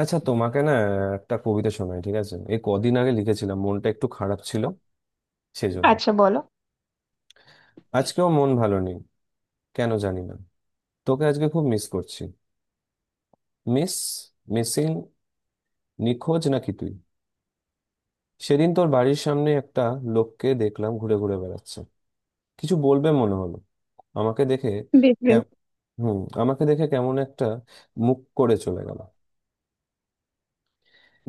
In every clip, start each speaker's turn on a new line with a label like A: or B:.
A: আচ্ছা, তোমাকে না একটা কবিতা শোনাই, ঠিক আছে? এই কদিন আগে লিখেছিলাম, মনটা একটু খারাপ ছিল সেজন্য।
B: আচ্ছা, বলো।
A: আজকেও মন ভালো নেই, কেন জানি না। তোকে আজকে খুব মিস করছি। মিস, মিসিং, নিখোঁজ নাকি তুই? সেদিন তোর বাড়ির সামনে একটা লোককে দেখলাম ঘুরে ঘুরে বেড়াচ্ছে, কিছু বলবে মনে হলো আমাকে দেখে।
B: বেশ,
A: কে-
B: বেশ।
A: হুম, আমাকে দেখে কেমন একটা মুখ করে চলে গেল।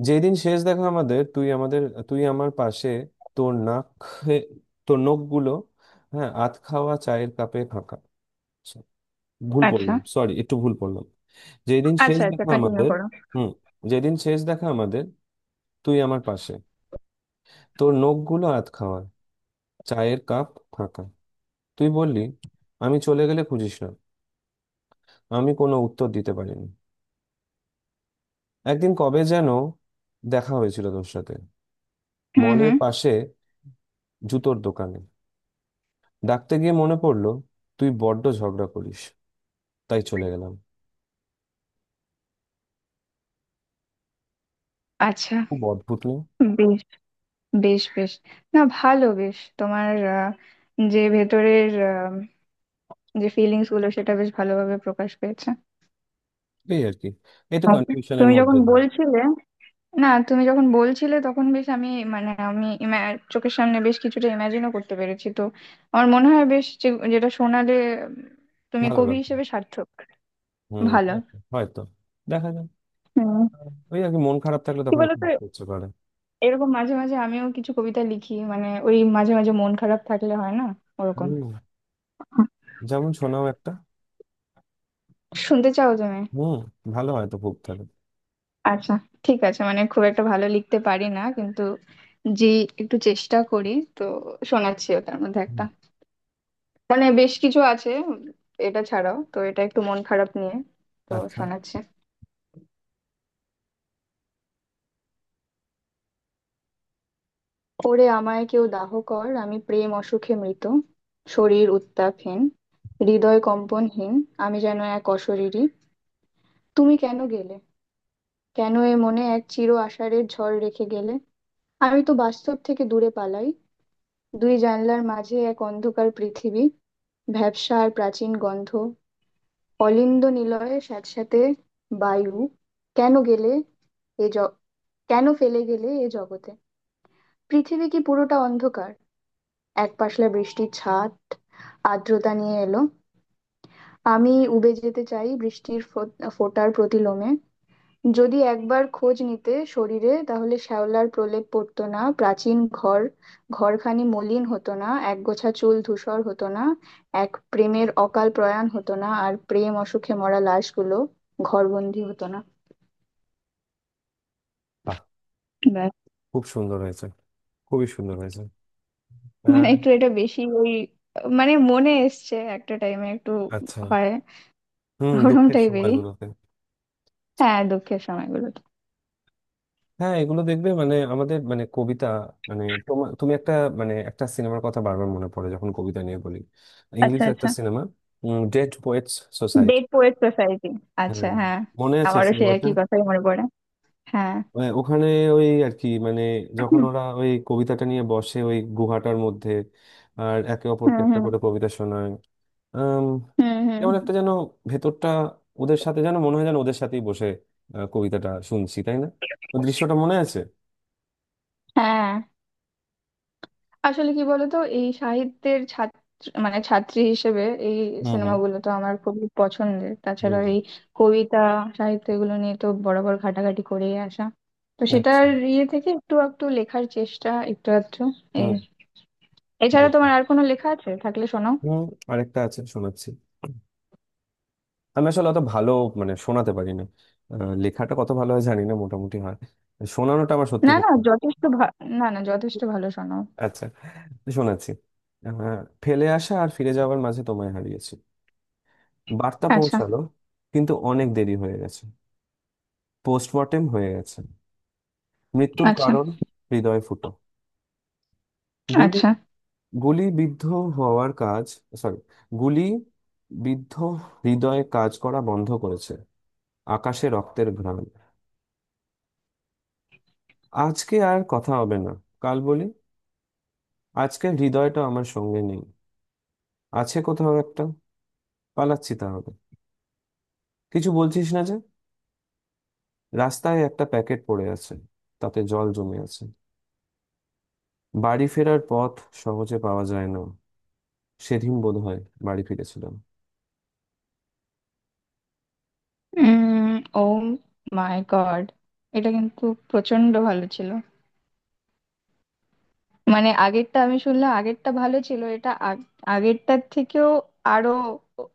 A: যেদিন শেষ দেখা আমাদের, তুই আমার পাশে, তোর নাক খে- তোর নখগুলো, হ্যাঁ, আধ খাওয়া, চায়ের কাপে ফাঁকা। আচ্ছা, ভুল
B: আচ্ছা,
A: পড়লাম, সরি, একটু ভুল পড়লাম। যেদিন শেষ
B: আচ্ছা, আচ্ছা,
A: দেখা
B: কন্টিনিউ
A: আমাদের।
B: করো।
A: হুম। যেদিন শেষ দেখা আমাদের, তুই আমার পাশে, তোর নখগুলো আধ খাওয়া, চায়ের কাপ ফাঁকা। তুই বললি, আমি চলে গেলে খুঁজিস না। আমি কোনো উত্তর দিতে পারিনি। একদিন কবে যেন দেখা হয়েছিল তোর সাথে,
B: হুম,
A: মলের
B: হুম।
A: পাশে, জুতোর দোকানে। ডাকতে গিয়ে মনে পড়লো তুই বড্ড ঝগড়া করিস, তাই চলে গেলাম।
B: আচ্ছা।
A: খুব অদ্ভুত না?
B: বেশ, বেশ, বেশ। না, ভালো। বেশ, তোমার যে ভেতরের, যে ফিলিংস গুলো সেটা বেশ ভালোভাবে প্রকাশ পেয়েছে।
A: এই আর কি, এই তো
B: আর
A: কনফিউশনের
B: তুমি যখন
A: মধ্যে দিয়ে।
B: বলছিলে, না তুমি যখন বলছিলে তখন বেশ আমি, মানে আমি চোখের সামনে বেশ কিছুটা ইমাজিনও করতে পেরেছি তো। আমার মনে হয় বেশ যেটা শোনালে, উম, তুমি
A: ভালো
B: কবি
A: লাগবে।
B: হিসেবে সার্থক।
A: হুম,
B: ভালো।
A: হয়তো হয়তো। দেখা যাক।
B: হুম।
A: ওই আর কি, মন খারাপ থাকলে
B: কি
A: তখন একটু
B: বলতো,
A: ঘুরতে ইচ্ছে করে।
B: এরকম মাঝে মাঝে আমিও কিছু কবিতা লিখি, মানে ওই মাঝে মাঝে মন খারাপ থাকলে হয় না ওরকম।
A: হুম।
B: হুম।
A: যেমন শোনাও একটা।
B: শুনতে চাও তুমি?
A: হুম, ভালো হয় তো খুব তাহলে।
B: আচ্ছা। ঠিক আছে, মানে খুব একটা ভালো লিখতে পারি না, কিন্তু যে একটু চেষ্টা করি। তো শোনাচ্ছি, ওটার মধ্যে
A: হুম,
B: একটা, মানে বেশ কিছু আছে এটা ছাড়াও। তো এটা একটু মন খারাপ নিয়ে, তো
A: আচ্ছা।
B: শোনাচ্ছে। ওরে আমায় কেউ দাহ কর, আমি প্রেম অসুখে মৃত। শরীর উত্তাপহীন, হৃদয় কম্পনহীন, আমি যেন এক অশরীরী। তুমি কেন গেলে, কেন এ মনে এক চির আষাঢ়ের ঝড় রেখে গেলে? আমি তো বাস্তব থেকে দূরে পালাই। দুই জানলার মাঝে এক অন্ধকার পৃথিবী, ভ্যাপসা আর প্রাচীন গন্ধ, অলিন্দ নিলয়ে স্যাঁতস্যাঁতে বায়ু। কেন গেলে এ, কেন ফেলে গেলে এ জগতে? পৃথিবী কি পুরোটা অন্ধকার? এক পাশলা বৃষ্টির ছাট আর্দ্রতা নিয়ে এলো। আমি উবে যেতে চাই বৃষ্টির ফোঁটার প্রতিলোমে। যদি একবার খোঁজ নিতে শরীরে, তাহলে শ্যাওলার প্রলেপ পড়তো না, প্রাচীন ঘর ঘরখানি মলিন হতো না, একগোছা চুল ধূসর হতো না, এক প্রেমের অকাল প্রয়াণ হতো না, আর প্রেম অসুখে মরা লাশগুলো ঘরবন্দি হতো না।
A: বাহ!
B: ব্যাস।
A: খুব সুন্দর হয়েছে, খুবই সুন্দর হয়েছে।
B: মানে
A: আহ,
B: একটু এটা বেশি ওই, মানে মনে এসছে একটা টাইমে, একটু
A: আচ্ছা।
B: হয়
A: হুম,
B: ওরম
A: দুঃখের
B: টাইপেরই।
A: সময়গুলোতে।
B: হ্যাঁ, দুঃখের সময়গুলোতে।
A: হ্যাঁ, এগুলো দেখবে মানে আমাদের মানে কবিতা। মানে তুমি একটা, মানে একটা সিনেমার কথা বারবার মনে পড়ে যখন কবিতা নিয়ে বলি। ইংলিশ
B: আচ্ছা,
A: একটা
B: আচ্ছা।
A: Cinema, dead poets society.
B: Dead poet society. আচ্ছা,
A: হ্যাঁ,
B: হ্যাঁ।
A: মনে আছে
B: আমারও সেই
A: সিনেমাটা।
B: একই কথাই মনে পড়ে। হ্যাঁ।
A: ওখানে, ওই আর কি মানে, যখন
B: হুম,
A: ওরা ওই কবিতাটা নিয়ে বসে ওই গুহাটার মধ্যে আর একে অপরকে
B: হুম।
A: একটা
B: হুম,
A: করে কবিতা শোনায়। আম,
B: হুম। হুম।
A: কেমন একটা যেন ভেতরটা, ওদের সাথে যেন মনে হয়, যেন ওদের সাথেই বসে কবিতাটা শুনছি, তাই না? ওই দৃশ্যটা মনে আছে।
B: হ্যাঁ। আসলে কি বলতো, এই সাহিত্যের ছাত্র, মানে ছাত্রী হিসেবে এই
A: হুম, হুম,
B: সিনেমাগুলো তো আমার খুবই পছন্দের। তাছাড়া
A: হুম।
B: এই কবিতা, সাহিত্য, এগুলো নিয়ে তো বরাবর ঘাটাঘাটি করেই আসা। তো
A: আচ্ছা।
B: সেটার ইয়ে থেকে একটু একটু লেখার চেষ্টা, একটু আধটু
A: হুম।
B: এই। এছাড়া তোমার
A: বুঝলাম।
B: আর কোনো লেখা আছে? থাকলে শোনাও।
A: হুম, আরেকটা আছে, শোনাচ্ছি। আমি আসলে অত ভালো মানে শোনাতে পারি না। লেখাটা কত ভালো হয় জানি না, মোটামুটি হয়, শোনানোটা আমার সত্যি
B: না
A: খুব
B: না,
A: ভালো।
B: না না, যথেষ্ট ভালো, শোনাও।
A: আচ্ছা, তো শোনাচ্ছি। আহ, ফেলে আসা আর ফিরে যাওয়ার মাঝে তোমায় হারিয়েছি। বার্তা
B: আচ্ছা,
A: পৌঁছালো, কিন্তু অনেক দেরি হয়ে গেছে। পোস্টমর্টেম হয়ে গেছে। মৃত্যুর
B: আচ্ছা,
A: কারণ হৃদয় ফুটো, গুলি,
B: আচ্ছা।
A: গুলিবিদ্ধ হওয়ার কাজ। সরি, গুলি বিদ্ধ হৃদয়ে কাজ করা বন্ধ করেছে। আকাশে রক্তের ঘ্রাণ। আজকে আর কথা হবে না, কাল বলি। আজকে হৃদয়টা আমার সঙ্গে নেই, আছে কোথাও একটা। পালাচ্ছি তাহলে। কিছু বলছিস না যে। রাস্তায় একটা প্যাকেট পড়ে আছে, তাতে জল জমে আছে। বাড়ি ফেরার পথ সহজে পাওয়া যায় না। সেদিন বোধ হয় বাড়ি ফিরেছিলাম।
B: উম ও মাই গড, এটা কিন্তু প্রচন্ড ভালো ছিল। মানে আগেরটা আমি শুনলাম, আগেরটা ভালো ছিল, এটা আগেরটার থেকেও আরো ও-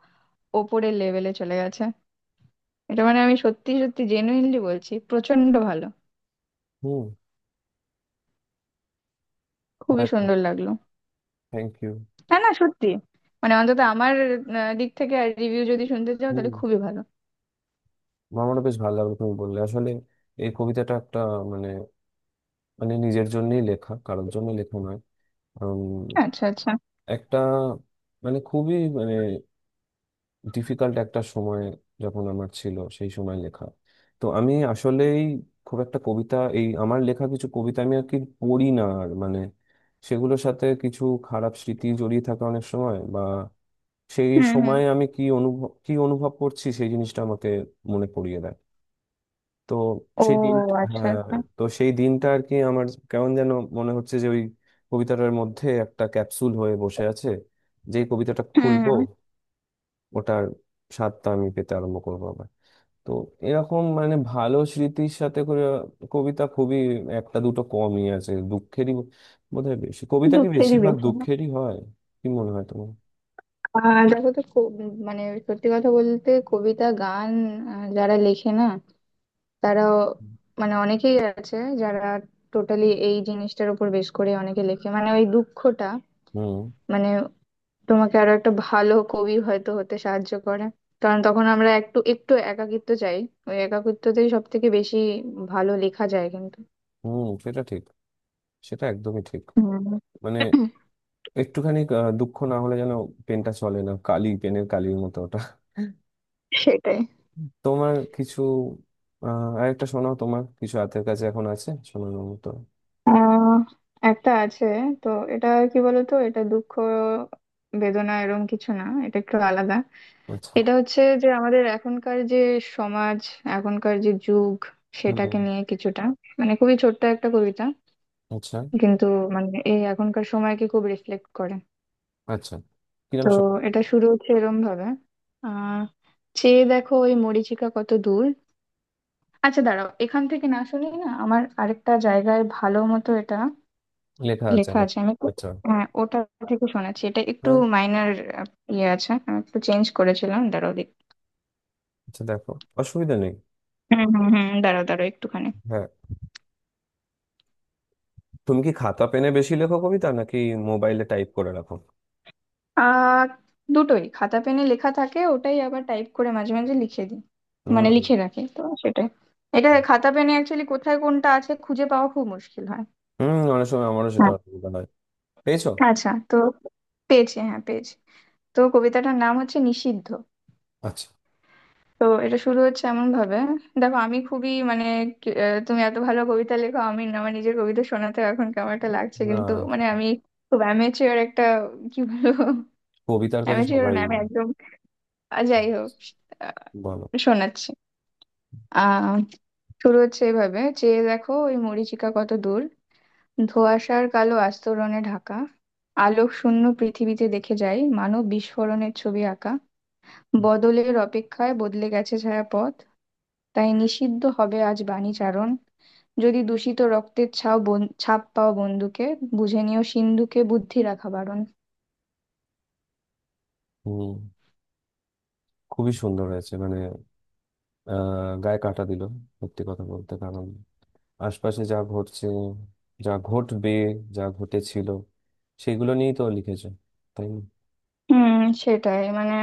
B: ওপরের লেভেলে চলে গেছে। এটা মানে আমি সত্যি সত্যি জেনুইনলি বলছি, প্রচন্ড ভালো।
A: হুম,
B: খুবই
A: হয়তো।
B: সুন্দর লাগলো।
A: Thank you.
B: না না সত্যি, মানে অন্তত আমার দিক থেকে, আর রিভিউ যদি শুনতে চাও,
A: হুম,
B: তাহলে খুবই ভালো।
A: আমারও বেশ ভালো লাগলো তুমি বললে আসলে। এই কবিতাটা একটা মানে, মানে নিজের জন্যই লেখা, কারোর জন্য লেখা নয়। উম,
B: আচ্ছা, আচ্ছা।
A: একটা মানে খুবই মানে ডিফিকাল্ট একটা সময় যখন আমার ছিল, সেই সময় লেখা। তো আমি আসলেই খুব একটা কবিতা, এই আমার লেখা কিছু কবিতা আমি আর কি পড়ি না আর, মানে সেগুলোর সাথে কিছু খারাপ স্মৃতি জড়িয়ে থাকে অনেক সময়, বা সেই
B: হুম, হুম।
A: সময়ে আমি কি অনুভব করছি সেই জিনিসটা আমাকে মনে পড়িয়ে দেয়। তো
B: ও,
A: সেই দিন,
B: আচ্ছা,
A: হ্যাঁ,
B: আচ্ছা।
A: তো সেই দিনটা আর কি আমার কেমন যেন মনে হচ্ছে যে ওই কবিতাটার মধ্যে একটা ক্যাপসুল হয়ে বসে আছে, যেই কবিতাটা
B: হুম,
A: খুলবো
B: হুম।
A: ওটার স্বাদটা আমি পেতে আরম্ভ করবো আবার। তো এরকম মানে ভালো স্মৃতির সাথে করে কবিতা খুবই একটা দুটো কমই আছে, দুঃখেরই বোধহয় বেশি। কবিতা কি
B: দুঃখেরই
A: বেশিরভাগ
B: বেশি না?
A: দুঃখেরই হয়? কি মনে হয় তোমার?
B: দেখো তো, খুব মানে, সত্যি কথা বলতে কবিতা, গান যারা লেখে না, তারাও, মানে অনেকেই আছে যারা টোটালি এই জিনিসটার উপর বেশ করে অনেকে লেখে, মানে ওই দুঃখটা,
A: হুম,
B: মানে তোমাকে আরো একটা ভালো কবি হয়তো হতে সাহায্য করে। কারণ তখন আমরা একটু একটু একাকিত্ব চাই। ওই একাকিত্বতেই সব থেকে বেশি ভালো লেখা যায় কিন্তু।
A: হুম, সেটা ঠিক, সেটা একদমই ঠিক।
B: হুম,
A: মানে একটুখানি দুঃখ না হলে যেন পেনটা চলে না, কালি পেনের কালির মতো ওটা।
B: সেটাই।
A: তোমার কিছু আরেকটা শোনাও, তোমার কিছু হাতের কাছে এখন আছে শোনানোর মতো?
B: আহ একটা আছে। তো এটা, কি বলতো, এটা দুঃখ বেদনা এরকম কিছু না, এটা একটু আলাদা।
A: আচ্ছা।
B: এটা হচ্ছে যে আমাদের এখনকার যে সমাজ, এখনকার যে যুগ, সেটাকে
A: হুম।
B: নিয়ে কিছুটা, মানে খুবই ছোট্ট একটা কবিতা,
A: আচ্ছা,
B: কিন্তু মানে এই এখনকার সময়কে খুব রিফ্লেক্ট করে।
A: আচ্ছা। কিরম
B: তো
A: শোনাও?
B: এটা শুরু হচ্ছে এরম ভাবে, আহ চেয়ে দেখো ওই মরীচিকা কত দূর। আচ্ছা দাঁড়াও, এখান থেকে না, শুনি না আমার আরেকটা জায়গায় ভালো মতো এটা
A: লেখা আছে
B: লেখা আছে,
A: নাকি?
B: আমি একটু।
A: আচ্ছা।
B: হ্যাঁ, ওটা থেকে শোনাচ্ছি, এটা একটু
A: হ্যাঁ।
B: মাইনার ইয়ে আছে, আমি একটু চেঞ্জ করেছিলাম, দাঁড়াও দেখ।
A: আচ্ছা, দেখো, অসুবিধা নেই।
B: হুম হুম হুম, দাঁড়াও দাঁড়াও একটুখানি।
A: হ্যাঁ। তুমি কি খাতা পেনে বেশি লেখো কবিতা, নাকি মোবাইলে টাইপ করে রাখো?
B: আহ দুটোই, খাতা পেনে লেখা থাকে ওটাই, আবার টাইপ করে মাঝে মাঝে লিখে দিই, মানে
A: হুম,
B: লিখে রাখি, তো সেটাই। এটা খাতা পেনে অ্যাকচুয়ালি কোথায় কোনটা আছে খুঁজে পাওয়া খুব মুশকিল হয়।
A: হুম, অনেক সময় আমারও সেটা
B: হ্যাঁ।
A: অসুবিধা হয়। পেয়েছো?
B: আচ্ছা তো, পেয়েছি, হ্যাঁ পেয়েছি। তো কবিতাটার নাম হচ্ছে নিষিদ্ধ।
A: আচ্ছা।
B: তো এটা শুরু হচ্ছে এমন ভাবে। দেখো, আমি খুবই মানে, তুমি এত ভালো কবিতা লেখো, আমার নিজের কবিতা শোনাতে এখন কেমন একটা লাগছে, কিন্তু
A: না,
B: মানে আমি খুব অ্যামেচিওর একটা, কি বলবো
A: কবিতার কাছে
B: অ্যামেচিওর
A: সবাই।
B: না, আমি একদম। যাই হোক,
A: বলো।
B: আহ, শোনাচ্ছি। আহ শুরু হচ্ছে এভাবে। চেয়ে দেখো ওই মরীচিকা কত দূর, ধোঁয়াশার কালো আস্তরণে ঢাকা। আলোক শূন্য পৃথিবীতে দেখে যাই মানব বিস্ফোরণের ছবি আঁকা। বদলের অপেক্ষায় বদলে গেছে ছায়াপথ, তাই নিষিদ্ধ হবে আজ বাণী চারণ। যদি দূষিত রক্তের ছাপ পাও বন্দুকে, বুঝে নিও সিন্ধুকে বুদ্ধি রাখা বারণ।
A: হুম। খুবই সুন্দর হয়েছে মানে। গায়ে কাটা দিল, সত্যি কথা বলতে, কারণ আশপাশে যা ঘটছে, যা ঘটবে, যা ঘটেছিল, সেগুলো নিয়েই তো লিখেছো, তাই
B: হুম, সেটাই। মানে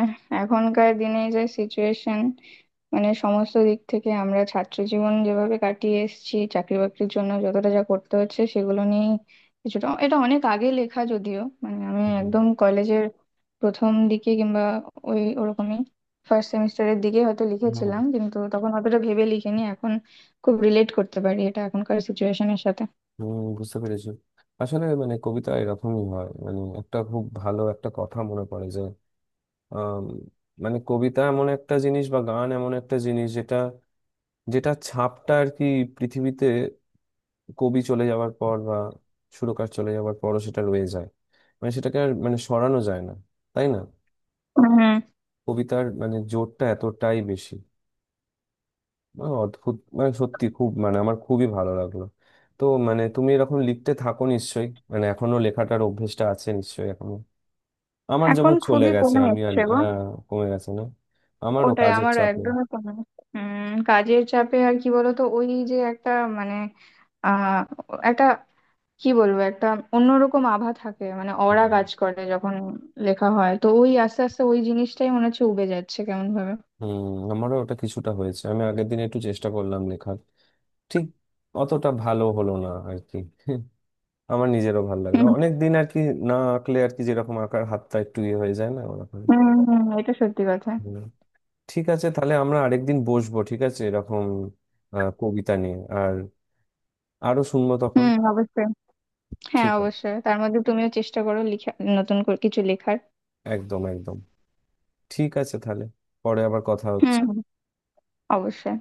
B: এখনকার দিনে যে সিচুয়েশন, মানে সমস্ত দিক থেকে আমরা ছাত্র জীবন যেভাবে কাটিয়ে এসেছি, চাকরি বাকরির জন্য যতটা যা করতে হচ্ছে, সেগুলো নিয়ে কিছুটা। এটা অনেক আগে লেখা যদিও, মানে আমি একদম কলেজের প্রথম দিকে কিংবা ওই ওরকমই ফার্স্ট সেমিস্টারের দিকে হয়তো
A: না? হুম।
B: লিখেছিলাম, কিন্তু তখন অতটা ভেবে লিখিনি। এখন খুব রিলেট করতে পারি এটা এখনকার সিচুয়েশনের সাথে।
A: হম, বুঝতে পেরেছি। আসলে মানে কবিতা এরকমই হয়, মানে একটা খুব ভালো একটা কথা মনে পড়ে যে আম, মানে কবিতা এমন একটা জিনিস বা গান এমন একটা জিনিস যেটা, যেটা ছাপটা আর কি পৃথিবীতে কবি চলে যাওয়ার পর বা সুরকার চলে যাওয়ার পরও সেটা রয়ে যায়, মানে সেটাকে আর মানে সরানো যায় না, তাই না?
B: হুম।
A: কবিতার মানে জোরটা এতটাই বেশি। অদ্ভুত মানে সত্যি খুব মানে আমার খুবই ভালো লাগলো। তো মানে তুমি এরকম লিখতে থাকো নিশ্চয়ই, মানে এখনো লেখাটার অভ্যেসটা আছে নিশ্চয়ই এখনো? আমার
B: এখন
A: যেমন চলে
B: খুবই
A: গেছে,
B: কমে
A: আমি আর
B: এসছে গো।
A: কমে গেছে না? আমারও
B: ওটাই,
A: কাজের
B: আমারও
A: চাপে।
B: একদমই কমে না। কাজের চাপে, আর কি বলতো, ওই যে একটা, মানে, আহ একটা, কি বলবো, একটা অন্যরকম আভা থাকে, মানে অরা
A: হুম,
B: কাজ করে যখন লেখা হয়। তো ওই আস্তে আস্তে ওই জিনিসটাই মনে হচ্ছে উবে যাচ্ছে কেমন ভাবে।
A: হুম, আমারও ওটা কিছুটা হয়েছে। আমি আগের দিন একটু চেষ্টা করলাম লেখার, ঠিক অতটা ভালো হলো না আর কি। আমার নিজেরও ভালো লাগলো
B: হুম
A: অনেক দিন আর কি না আঁকলে আর কি, যেরকম আঁকার হাতটা একটু ইয়ে হয়ে যায় না, ওরকম।
B: হুম হুম, এটা সত্যি কথা।
A: ঠিক আছে তাহলে, আমরা আরেকদিন বসবো, ঠিক আছে, এরকম কবিতা নিয়ে, আর আরো শুনবো তখন।
B: হুম, অবশ্যই। হ্যাঁ
A: ঠিক আছে।
B: অবশ্যই, তার মধ্যে তুমিও চেষ্টা করো লিখা, নতুন করে কিছু লেখার।
A: একদম, একদম। ঠিক আছে তাহলে, পরে আবার কথা
B: হুম,
A: হচ্ছে।
B: হুম, অবশ্যই।